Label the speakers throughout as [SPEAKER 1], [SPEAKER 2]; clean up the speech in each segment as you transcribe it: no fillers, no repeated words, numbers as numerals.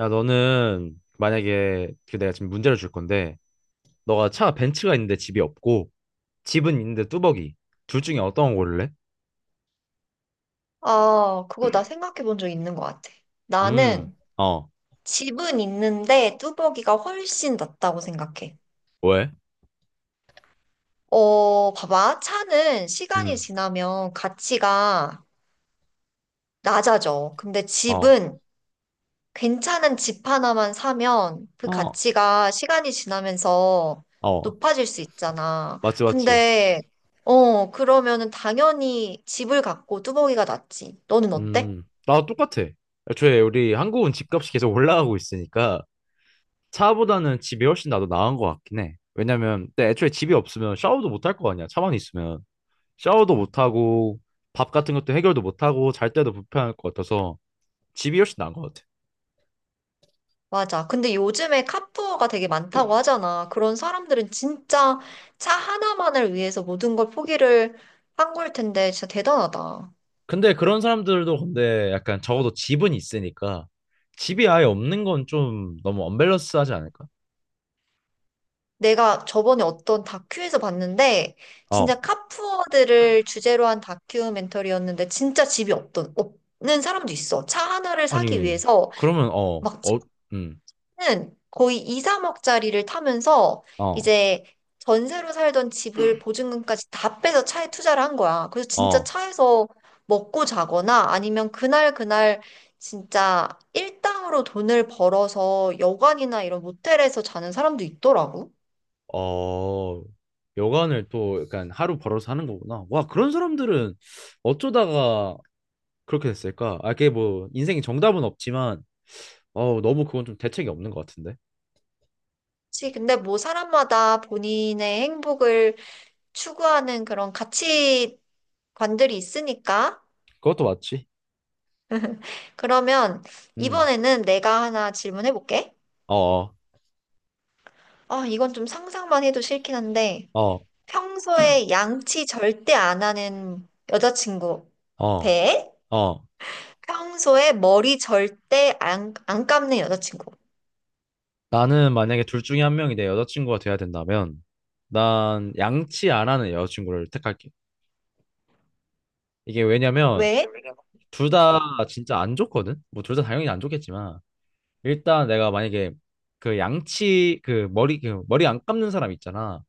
[SPEAKER 1] 야, 너는 만약에 그 내가 지금 문제를 줄 건데, 너가 차 벤츠가 있는데 집이 없고, 집은 있는데 뚜벅이. 둘 중에 어떤 거 고를래?
[SPEAKER 2] 아, 그거 나 생각해 본 적 있는 것 같아.
[SPEAKER 1] 음,
[SPEAKER 2] 나는
[SPEAKER 1] 어,
[SPEAKER 2] 집은 있는데 뚜벅이가 훨씬 낫다고 생각해.
[SPEAKER 1] 왜?
[SPEAKER 2] 어, 봐봐. 차는 시간이
[SPEAKER 1] 음,
[SPEAKER 2] 지나면 가치가 낮아져. 근데
[SPEAKER 1] 어,
[SPEAKER 2] 집은 괜찮은 집 하나만 사면 그
[SPEAKER 1] 어,
[SPEAKER 2] 가치가 시간이 지나면서
[SPEAKER 1] 어,
[SPEAKER 2] 높아질 수 있잖아.
[SPEAKER 1] 맞지, 맞지.
[SPEAKER 2] 근데, 어, 그러면은 당연히 집을 갖고 뚜벅이가 낫지. 너는 어때?
[SPEAKER 1] 나도 똑같아. 애초에 우리 한국은 집값이 계속 올라가고 있으니까, 차보다는 집이 훨씬 나도 나은 것 같긴 해. 왜냐면, 근데 애초에 집이 없으면 샤워도 못 할 거 아니야. 차만 있으면. 샤워도 못 하고, 밥 같은 것도 해결도 못 하고, 잘 때도 불편할 것 같아서, 집이 훨씬 나은 것 같아.
[SPEAKER 2] 맞아. 근데 요즘에 카푸어가 되게 많다고 하잖아. 그런 사람들은 진짜 차 하나만을 위해서 모든 걸 포기를 한 걸 텐데 진짜 대단하다.
[SPEAKER 1] 근데 그런 사람들도 근데 약간 적어도 집은 있으니까 집이 아예 없는 건 좀 너무 언밸런스하지 않을까?
[SPEAKER 2] 내가 저번에 어떤 다큐에서 봤는데
[SPEAKER 1] 어,
[SPEAKER 2] 진짜 카푸어들을 주제로 한 다큐멘터리였는데 진짜 집이 없던 없는 사람도 있어. 차 하나를 사기
[SPEAKER 1] 아니,
[SPEAKER 2] 위해서
[SPEAKER 1] 그러면
[SPEAKER 2] 막
[SPEAKER 1] 음,
[SPEAKER 2] 는 거의 2, 3억짜리를 타면서
[SPEAKER 1] 어,
[SPEAKER 2] 이제 전세로 살던 집을 보증금까지 다 빼서 차에 투자를 한 거야. 그래서 진짜
[SPEAKER 1] 어,
[SPEAKER 2] 차에서 먹고 자거나 아니면 그날 그날 진짜 일당으로 돈을 벌어서 여관이나 이런 모텔에서 자는 사람도 있더라고.
[SPEAKER 1] 어, 여간을 또 약간 하루 벌어서 하는 거구나. 와, 그런 사람들은 어쩌다가 그렇게 됐을까? 아, 그게 뭐 인생의 정답은 없지만 어, 너무 그건 좀 대책이 없는 것 같은데.
[SPEAKER 2] 그치? 근데 뭐 사람마다 본인의 행복을 추구하는 그런 가치관들이 있으니까.
[SPEAKER 1] 그것도 맞지.
[SPEAKER 2] 그러면
[SPEAKER 1] 음,
[SPEAKER 2] 이번에는 내가 하나 질문해 볼게.
[SPEAKER 1] 어, 어,
[SPEAKER 2] 아, 이건 좀 상상만 해도 싫긴 한데,
[SPEAKER 1] 어,
[SPEAKER 2] 평소에 양치 절대 안 하는 여자친구
[SPEAKER 1] 어,
[SPEAKER 2] 대
[SPEAKER 1] 어,
[SPEAKER 2] 평소에 머리 절대 안 감는 여자친구.
[SPEAKER 1] 나는 만약에 둘 중에 한 명이 내 여자친구가 돼야 된다면 난 양치 안 하는 여자친구를 택할게. 이게 왜냐면
[SPEAKER 2] 왜?
[SPEAKER 1] 둘 다 진짜 안 좋거든? 뭐 둘 다 당연히 안 좋겠지만 일단 내가 만약에 그 양치 그 머리 그 머리 안 감는 사람 있잖아.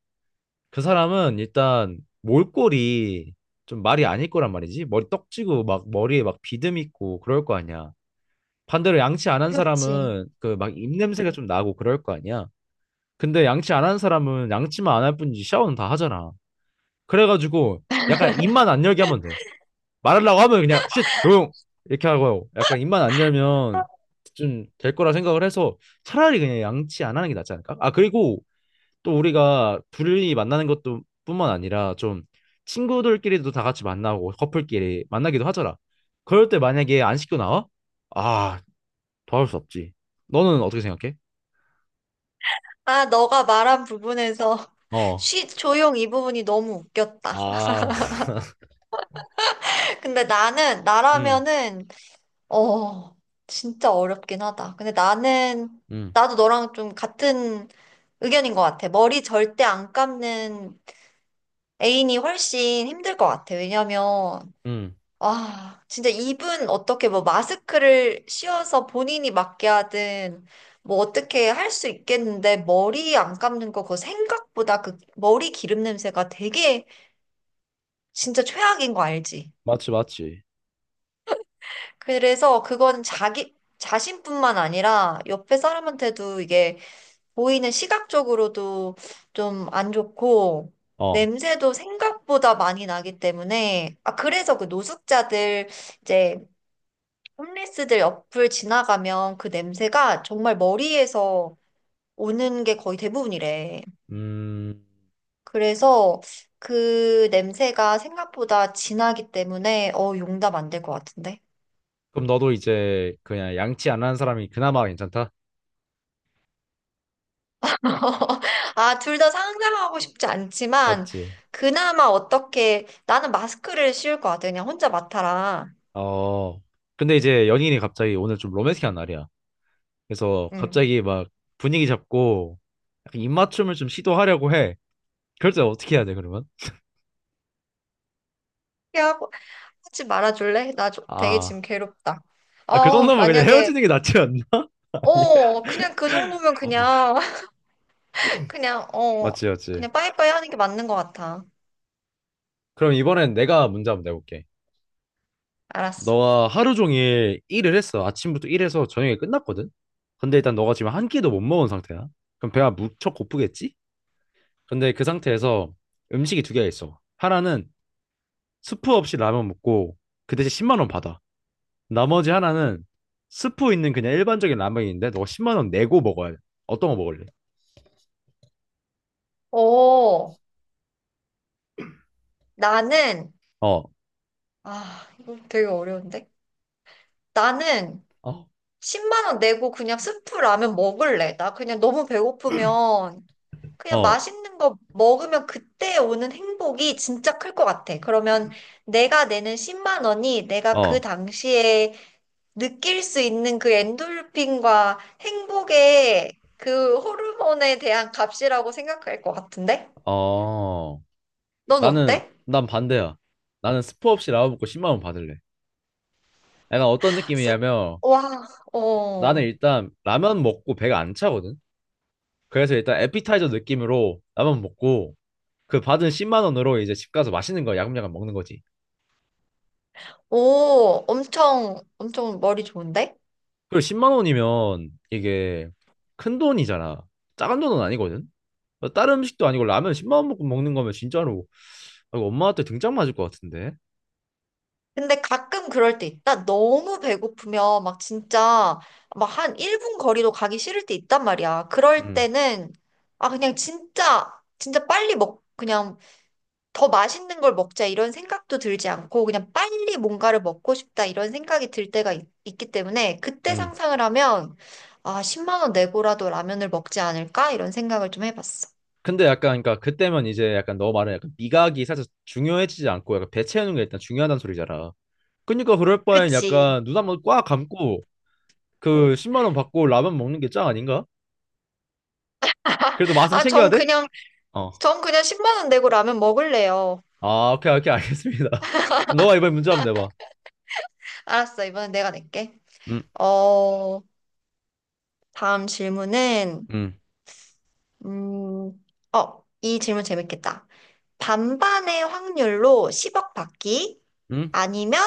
[SPEAKER 1] 그 사람은 일단 몰골이 좀 말이 아닐 거란 말이지. 머리 떡지고 막 머리에 막 비듬 있고 그럴 거 아니야. 반대로 양치 안 한
[SPEAKER 2] 그렇지.
[SPEAKER 1] 사람은 그 막 입냄새가 좀 나고 그럴 거 아니야. 근데 양치 안 하는 사람은 양치만 안 할 뿐이지 샤워는 다 하잖아. 그래가지고 약간 입만 안 열게 하면 돼. 말하려고 하면 그냥 쉿 조용 이렇게 하고 약간 입만 안 열면 좀 될 거라 생각을 해서 차라리 그냥 양치 안 하는 게 낫지 않을까? 아, 그리고 또 우리가 둘이 만나는 것도 뿐만 아니라 좀 친구들끼리도 다 같이 만나고 커플끼리 만나기도 하잖아. 그럴 때 만약에 안 씻고 나와? 아, 도와줄 수 없지. 너는 어떻게 생각해?
[SPEAKER 2] 아, 너가 말한 부분에서
[SPEAKER 1] 어.
[SPEAKER 2] 쉬, 조용 이 부분이 너무 웃겼다.
[SPEAKER 1] 아.
[SPEAKER 2] 근데
[SPEAKER 1] 음.
[SPEAKER 2] 나라면은, 어, 진짜 어렵긴 하다. 근데
[SPEAKER 1] 음.
[SPEAKER 2] 나도 너랑 좀 같은 의견인 것 같아. 머리 절대 안 감는 애인이 훨씬 힘들 것 같아. 왜냐면,
[SPEAKER 1] 음,
[SPEAKER 2] 아, 진짜 입은 어떻게 뭐 마스크를 씌워서 본인이 맞게 하든, 뭐 어떻게 할 수 있겠는데, 머리 안 감는 거, 그거 생각보다 그 머리 기름 냄새가 되게 진짜 최악인 거 알지?
[SPEAKER 1] 맞지, 맞지.
[SPEAKER 2] 그래서 그건 자신뿐만 아니라 옆에 사람한테도 이게 보이는 시각적으로도 좀 안 좋고,
[SPEAKER 1] 어,
[SPEAKER 2] 냄새도 생각보다 많이 나기 때문에, 아, 그래서 그 노숙자들, 이제, 홈리스들 옆을 지나가면 그 냄새가 정말 머리에서 오는 게 거의 대부분이래.
[SPEAKER 1] 음,
[SPEAKER 2] 그래서 그 냄새가 생각보다 진하기 때문에, 어, 용담 안 될 것 같은데?
[SPEAKER 1] 그럼 너도 이제 그냥 양치 안 하는 사람이 그나마 괜찮다?
[SPEAKER 2] 아, 둘 다 상상하고 싶지 않지만,
[SPEAKER 1] 맞지?
[SPEAKER 2] 그나마 어떻게, 나는 마스크를 씌울 것 같아. 그냥 혼자 맡아라.
[SPEAKER 1] 어, 근데 이제 연인이 갑자기 오늘 좀 로맨틱한 날이야. 그래서
[SPEAKER 2] 응.
[SPEAKER 1] 갑자기 막 분위기 잡고 약간 입맞춤을 좀 시도하려고 해. 그럴 때 어떻게 해야 돼, 그러면?
[SPEAKER 2] 피하고 하지 말아줄래? 나 좀, 되게
[SPEAKER 1] 아,
[SPEAKER 2] 지금 괴롭다.
[SPEAKER 1] 아, 그
[SPEAKER 2] 어,
[SPEAKER 1] 정도면 그냥
[SPEAKER 2] 만약에,
[SPEAKER 1] 헤어지는 게 낫지 않나?
[SPEAKER 2] 어, 그냥 그 정도면
[SPEAKER 1] 어,
[SPEAKER 2] 그냥, 그냥, 어,
[SPEAKER 1] 맞지, 맞지.
[SPEAKER 2] 그냥 빠이빠이 하는 게 맞는 것 같아.
[SPEAKER 1] 그럼 이번엔 내가 문제 한번 내볼게.
[SPEAKER 2] 알았어.
[SPEAKER 1] 너가 하루 종일 일을 했어. 아침부터 일해서 저녁에 끝났거든. 근데 일단 너가 지금 한 끼도 못 먹은 상태야. 그럼 배가 무척 고프겠지? 근데 그 상태에서 음식이 두 개가 있어. 하나는 스프 없이 라면 먹고 그 대신 10만 원 받아. 나머지 하나는 스프 있는 그냥 일반적인 라면인데 너가 10만 원 내고 먹어야 돼. 어떤 거 먹을래?
[SPEAKER 2] 어, 나는,
[SPEAKER 1] 어,
[SPEAKER 2] 아, 이거 되게 어려운데? 나는
[SPEAKER 1] 어,
[SPEAKER 2] 10만 원 내고 그냥 스프 라면 먹을래. 나 그냥 너무 배고프면, 그냥
[SPEAKER 1] 어,
[SPEAKER 2] 맛있는 거 먹으면 그때 오는 행복이 진짜 클 것 같아. 그러면 내가 내는 10만 원이 내가 그
[SPEAKER 1] 어,
[SPEAKER 2] 당시에 느낄 수 있는 그 엔돌핀과 행복의 그 호르몬에 대한 값이라고 생각할 것 같은데?
[SPEAKER 1] 어.
[SPEAKER 2] 넌
[SPEAKER 1] 나는
[SPEAKER 2] 어때?
[SPEAKER 1] 난 반대야. 나는 스프 없이 라면 먹고 10만 원 받을래. 약간 어떤
[SPEAKER 2] 스-
[SPEAKER 1] 느낌이냐면
[SPEAKER 2] 와,
[SPEAKER 1] 나는
[SPEAKER 2] 어,
[SPEAKER 1] 일단 라면 먹고 배가 안 차거든. 그래서 일단 에피타이저 느낌으로 라면 먹고 그 받은 10만 원으로 이제 집 가서 맛있는 거 야금야금 먹는 거지.
[SPEAKER 2] 오, 엄청, 엄청 머리 좋은데?
[SPEAKER 1] 그리고 10만 원이면 이게 큰 돈이잖아. 작은 돈은 아니거든. 어, 다른 음식도 아니고 라면 10만 원 먹고 먹는 거면 진짜로 아, 이거 엄마한테 등짝 맞을 것 같은데.
[SPEAKER 2] 근데 가끔 그럴 때 있다. 너무 배고프면 막 진짜 막 한 1분 거리도 가기 싫을 때 있단 말이야. 그럴
[SPEAKER 1] 음,
[SPEAKER 2] 때는, 아, 그냥 진짜, 진짜 빨리 그냥 더 맛있는 걸 먹자 이런 생각도 들지 않고 그냥 빨리 뭔가를 먹고 싶다 이런 생각이 들 때가 있, 기 때문에 그때
[SPEAKER 1] 음.
[SPEAKER 2] 상상을 하면 아, 10만 원 내고라도 라면을 먹지 않을까 이런 생각을 좀 해봤어.
[SPEAKER 1] 근데 약간 그러니까 그때면 이제 약간 너 말은 약간 미각이 살짝 중요해지지 않고 약간 배 채우는 게 일단 중요하단 소리잖아. 그러니까 그럴 바엔
[SPEAKER 2] 그치.
[SPEAKER 1] 약간 눈 한번 꽉 감고 그 10만 원 받고 라면 먹는 게 짱 아닌가? 그래도 맛은
[SPEAKER 2] 아,
[SPEAKER 1] 챙겨야
[SPEAKER 2] 전
[SPEAKER 1] 돼?
[SPEAKER 2] 그냥
[SPEAKER 1] 어.
[SPEAKER 2] 전 그냥 10만 원 내고 라면 먹을래요.
[SPEAKER 1] 아, 오케이, 오케이, 알겠습니다. 그럼 너가 이번에 문제 한번 내봐.
[SPEAKER 2] 알았어. 이번엔 내가 낼게.
[SPEAKER 1] 응?
[SPEAKER 2] 어, 다음 질문은
[SPEAKER 1] 응?
[SPEAKER 2] 음, 어, 이 질문 재밌겠다. 반반의 확률로 10억 받기
[SPEAKER 1] 응?
[SPEAKER 2] 아니면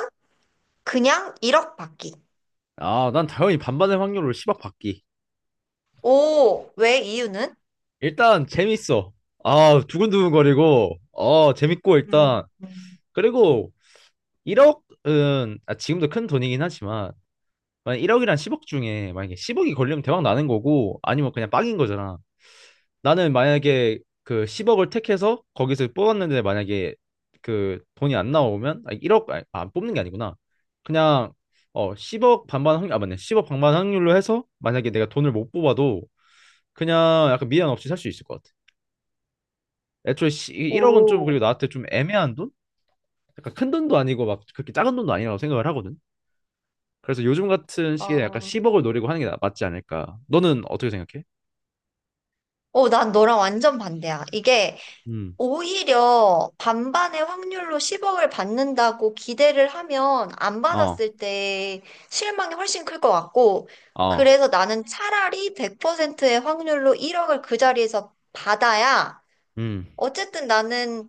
[SPEAKER 2] 그냥 1억 받기.
[SPEAKER 1] 아, 난 당연히 반반의 확률로 10억 받기.
[SPEAKER 2] 오, 왜 이유는?
[SPEAKER 1] 일단 재밌어. 아, 두근두근거리고, 어, 재밌고 일단.
[SPEAKER 2] 음.
[SPEAKER 1] 그리고 1억은 아, 지금도 큰 돈이긴 하지만 만약 1억이랑 10억 중에 만약에 10억이 걸리면 대박 나는 거고 아니면 그냥 빵인 거잖아. 나는 만약에 그 10억을 택해서 거기서 뽑았는데 만약에 그 돈이 안 나오면 아니 1억 아니, 아, 뽑는 게 아니구나. 그냥 어 10억 반반 확률 아 맞네. 10억 반반 확률로 해서 만약에 내가 돈을 못 뽑아도 그냥 약간 미련 없이 살 수 있을 것 같아. 애초에 1억은 좀
[SPEAKER 2] 오,
[SPEAKER 1] 그리고 나한테 좀 애매한 돈? 약간 큰 돈도 아니고 막 그렇게 작은 돈도 아니라고 생각을 하거든. 그래서 요즘 같은 시기에 약간
[SPEAKER 2] 어,
[SPEAKER 1] 10억을 노리고 하는 게 나- 맞지 않을까. 너는 어떻게 생각해?
[SPEAKER 2] 오, 난 너랑 완전 반대야. 이게
[SPEAKER 1] 음.
[SPEAKER 2] 오히려 반반의 확률로 10억을 받는다고 기대를 하면 안
[SPEAKER 1] 어.
[SPEAKER 2] 받았을 때 실망이 훨씬 클 것 같고,
[SPEAKER 1] 어.
[SPEAKER 2] 그래서 나는 차라리 100%의 확률로 1억을 그 자리에서 받아야,
[SPEAKER 1] 음.
[SPEAKER 2] 어쨌든 나는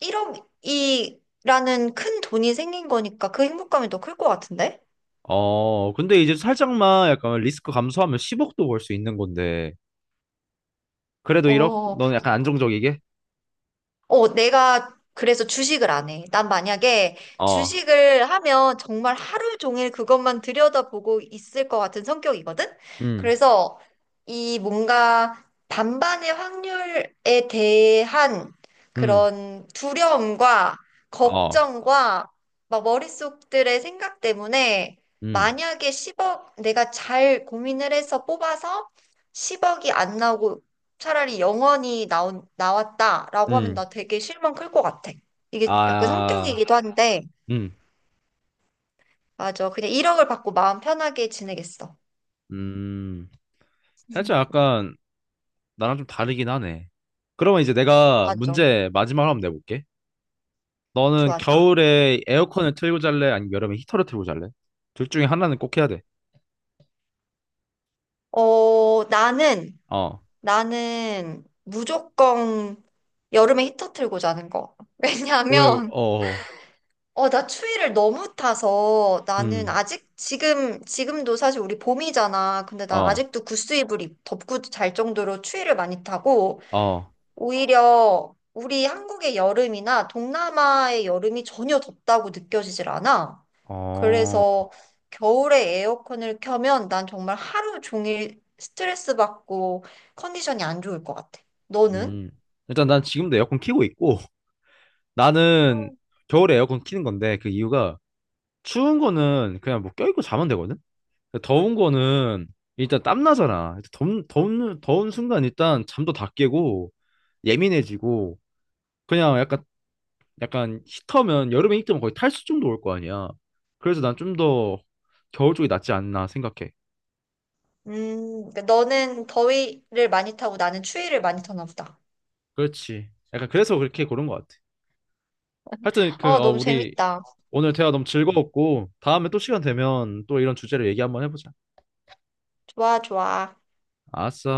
[SPEAKER 2] 1억이라는 큰 돈이 생긴 거니까 그 행복감이 더 클 것 같은데?
[SPEAKER 1] 어, 근데 이제 살짝만 약간 리스크 감소하면 10억도 벌 수 있는 건데. 그래도 1억?
[SPEAKER 2] 어,
[SPEAKER 1] 너는 약간 안정적이게?
[SPEAKER 2] 어, 내가 그래서 주식을 안 해. 난 만약에
[SPEAKER 1] 어,
[SPEAKER 2] 주식을 하면 정말 하루 종일 그것만 들여다보고 있을 것 같은 성격이거든?
[SPEAKER 1] 음,
[SPEAKER 2] 그래서 이 뭔가 반반의 확률에 대한
[SPEAKER 1] 음,
[SPEAKER 2] 그런 두려움과
[SPEAKER 1] 어,
[SPEAKER 2] 걱정과 막 머릿속들의 생각 때문에
[SPEAKER 1] 음,
[SPEAKER 2] 만약에 10억 내가 잘 고민을 해서 뽑아서 10억이 안 나오고 차라리 영원히 나왔다라고 하면
[SPEAKER 1] 음,
[SPEAKER 2] 나 되게 실망 클 것 같아. 이게 약간
[SPEAKER 1] 아,
[SPEAKER 2] 성격이기도 한데,
[SPEAKER 1] 음,
[SPEAKER 2] 맞아. 그냥 1억을 받고 마음 편하게 지내겠어.
[SPEAKER 1] 음. 살짝 약간 나랑 좀 다르긴 하네. 그러면 이제 내가
[SPEAKER 2] 맞아.
[SPEAKER 1] 문제 마지막으로 한번 내볼게. 너는
[SPEAKER 2] 좋아, 좋아.
[SPEAKER 1] 겨울에 에어컨을 틀고 잘래? 아니면 여름에 히터를 틀고 잘래? 둘 중에 하나는 꼭 해야 돼.
[SPEAKER 2] 어,
[SPEAKER 1] 어,
[SPEAKER 2] 나는 무조건 여름에 히터 틀고 자는 거.
[SPEAKER 1] 왜,
[SPEAKER 2] 왜냐하면,
[SPEAKER 1] 어, 어.
[SPEAKER 2] 어, 나 추위를 너무 타서 나는
[SPEAKER 1] 음,
[SPEAKER 2] 아직 지금도 사실 우리 봄이잖아. 근데 난
[SPEAKER 1] 어,
[SPEAKER 2] 아직도 구스 이불 덮고 잘 정도로 추위를 많이 타고,
[SPEAKER 1] 어,
[SPEAKER 2] 오히려 우리 한국의 여름이나 동남아의 여름이 전혀 덥다고 느껴지질 않아.
[SPEAKER 1] 어.
[SPEAKER 2] 그래서 겨울에 에어컨을 켜면 난 정말 하루 종일 스트레스 받고 컨디션이 안 좋을 것 같아. 너는?
[SPEAKER 1] 음. 일단 난 지금도 에어컨 키고 있고 나는
[SPEAKER 2] 어.
[SPEAKER 1] 겨울에 에어컨 키는 건데 그 이유가 추운 거는 그냥 뭐 껴입고 자면 되거든. 근데 더운 거는 일단 땀 나잖아. 더운 순간 일단 잠도 다 깨고 예민해지고 그냥 약간 히터면 여름에 히터면 거의 탈수증도 올 거 아니야. 그래서 난 좀 더 겨울 쪽이 낫지 않나 생각해.
[SPEAKER 2] 그러니까 너는 더위를 많이 타고 나는 추위를 많이 타나 보다.
[SPEAKER 1] 그렇지. 약간 그래서 그렇게 고른 것 같아. 하여튼 그
[SPEAKER 2] 어, 너무
[SPEAKER 1] 우리
[SPEAKER 2] 재밌다.
[SPEAKER 1] 오늘 대화 너무 즐거웠고, 다음에 또 시간 되면 또 이런 주제로 얘기 한번 해보자.
[SPEAKER 2] 좋아, 좋아.
[SPEAKER 1] 아싸.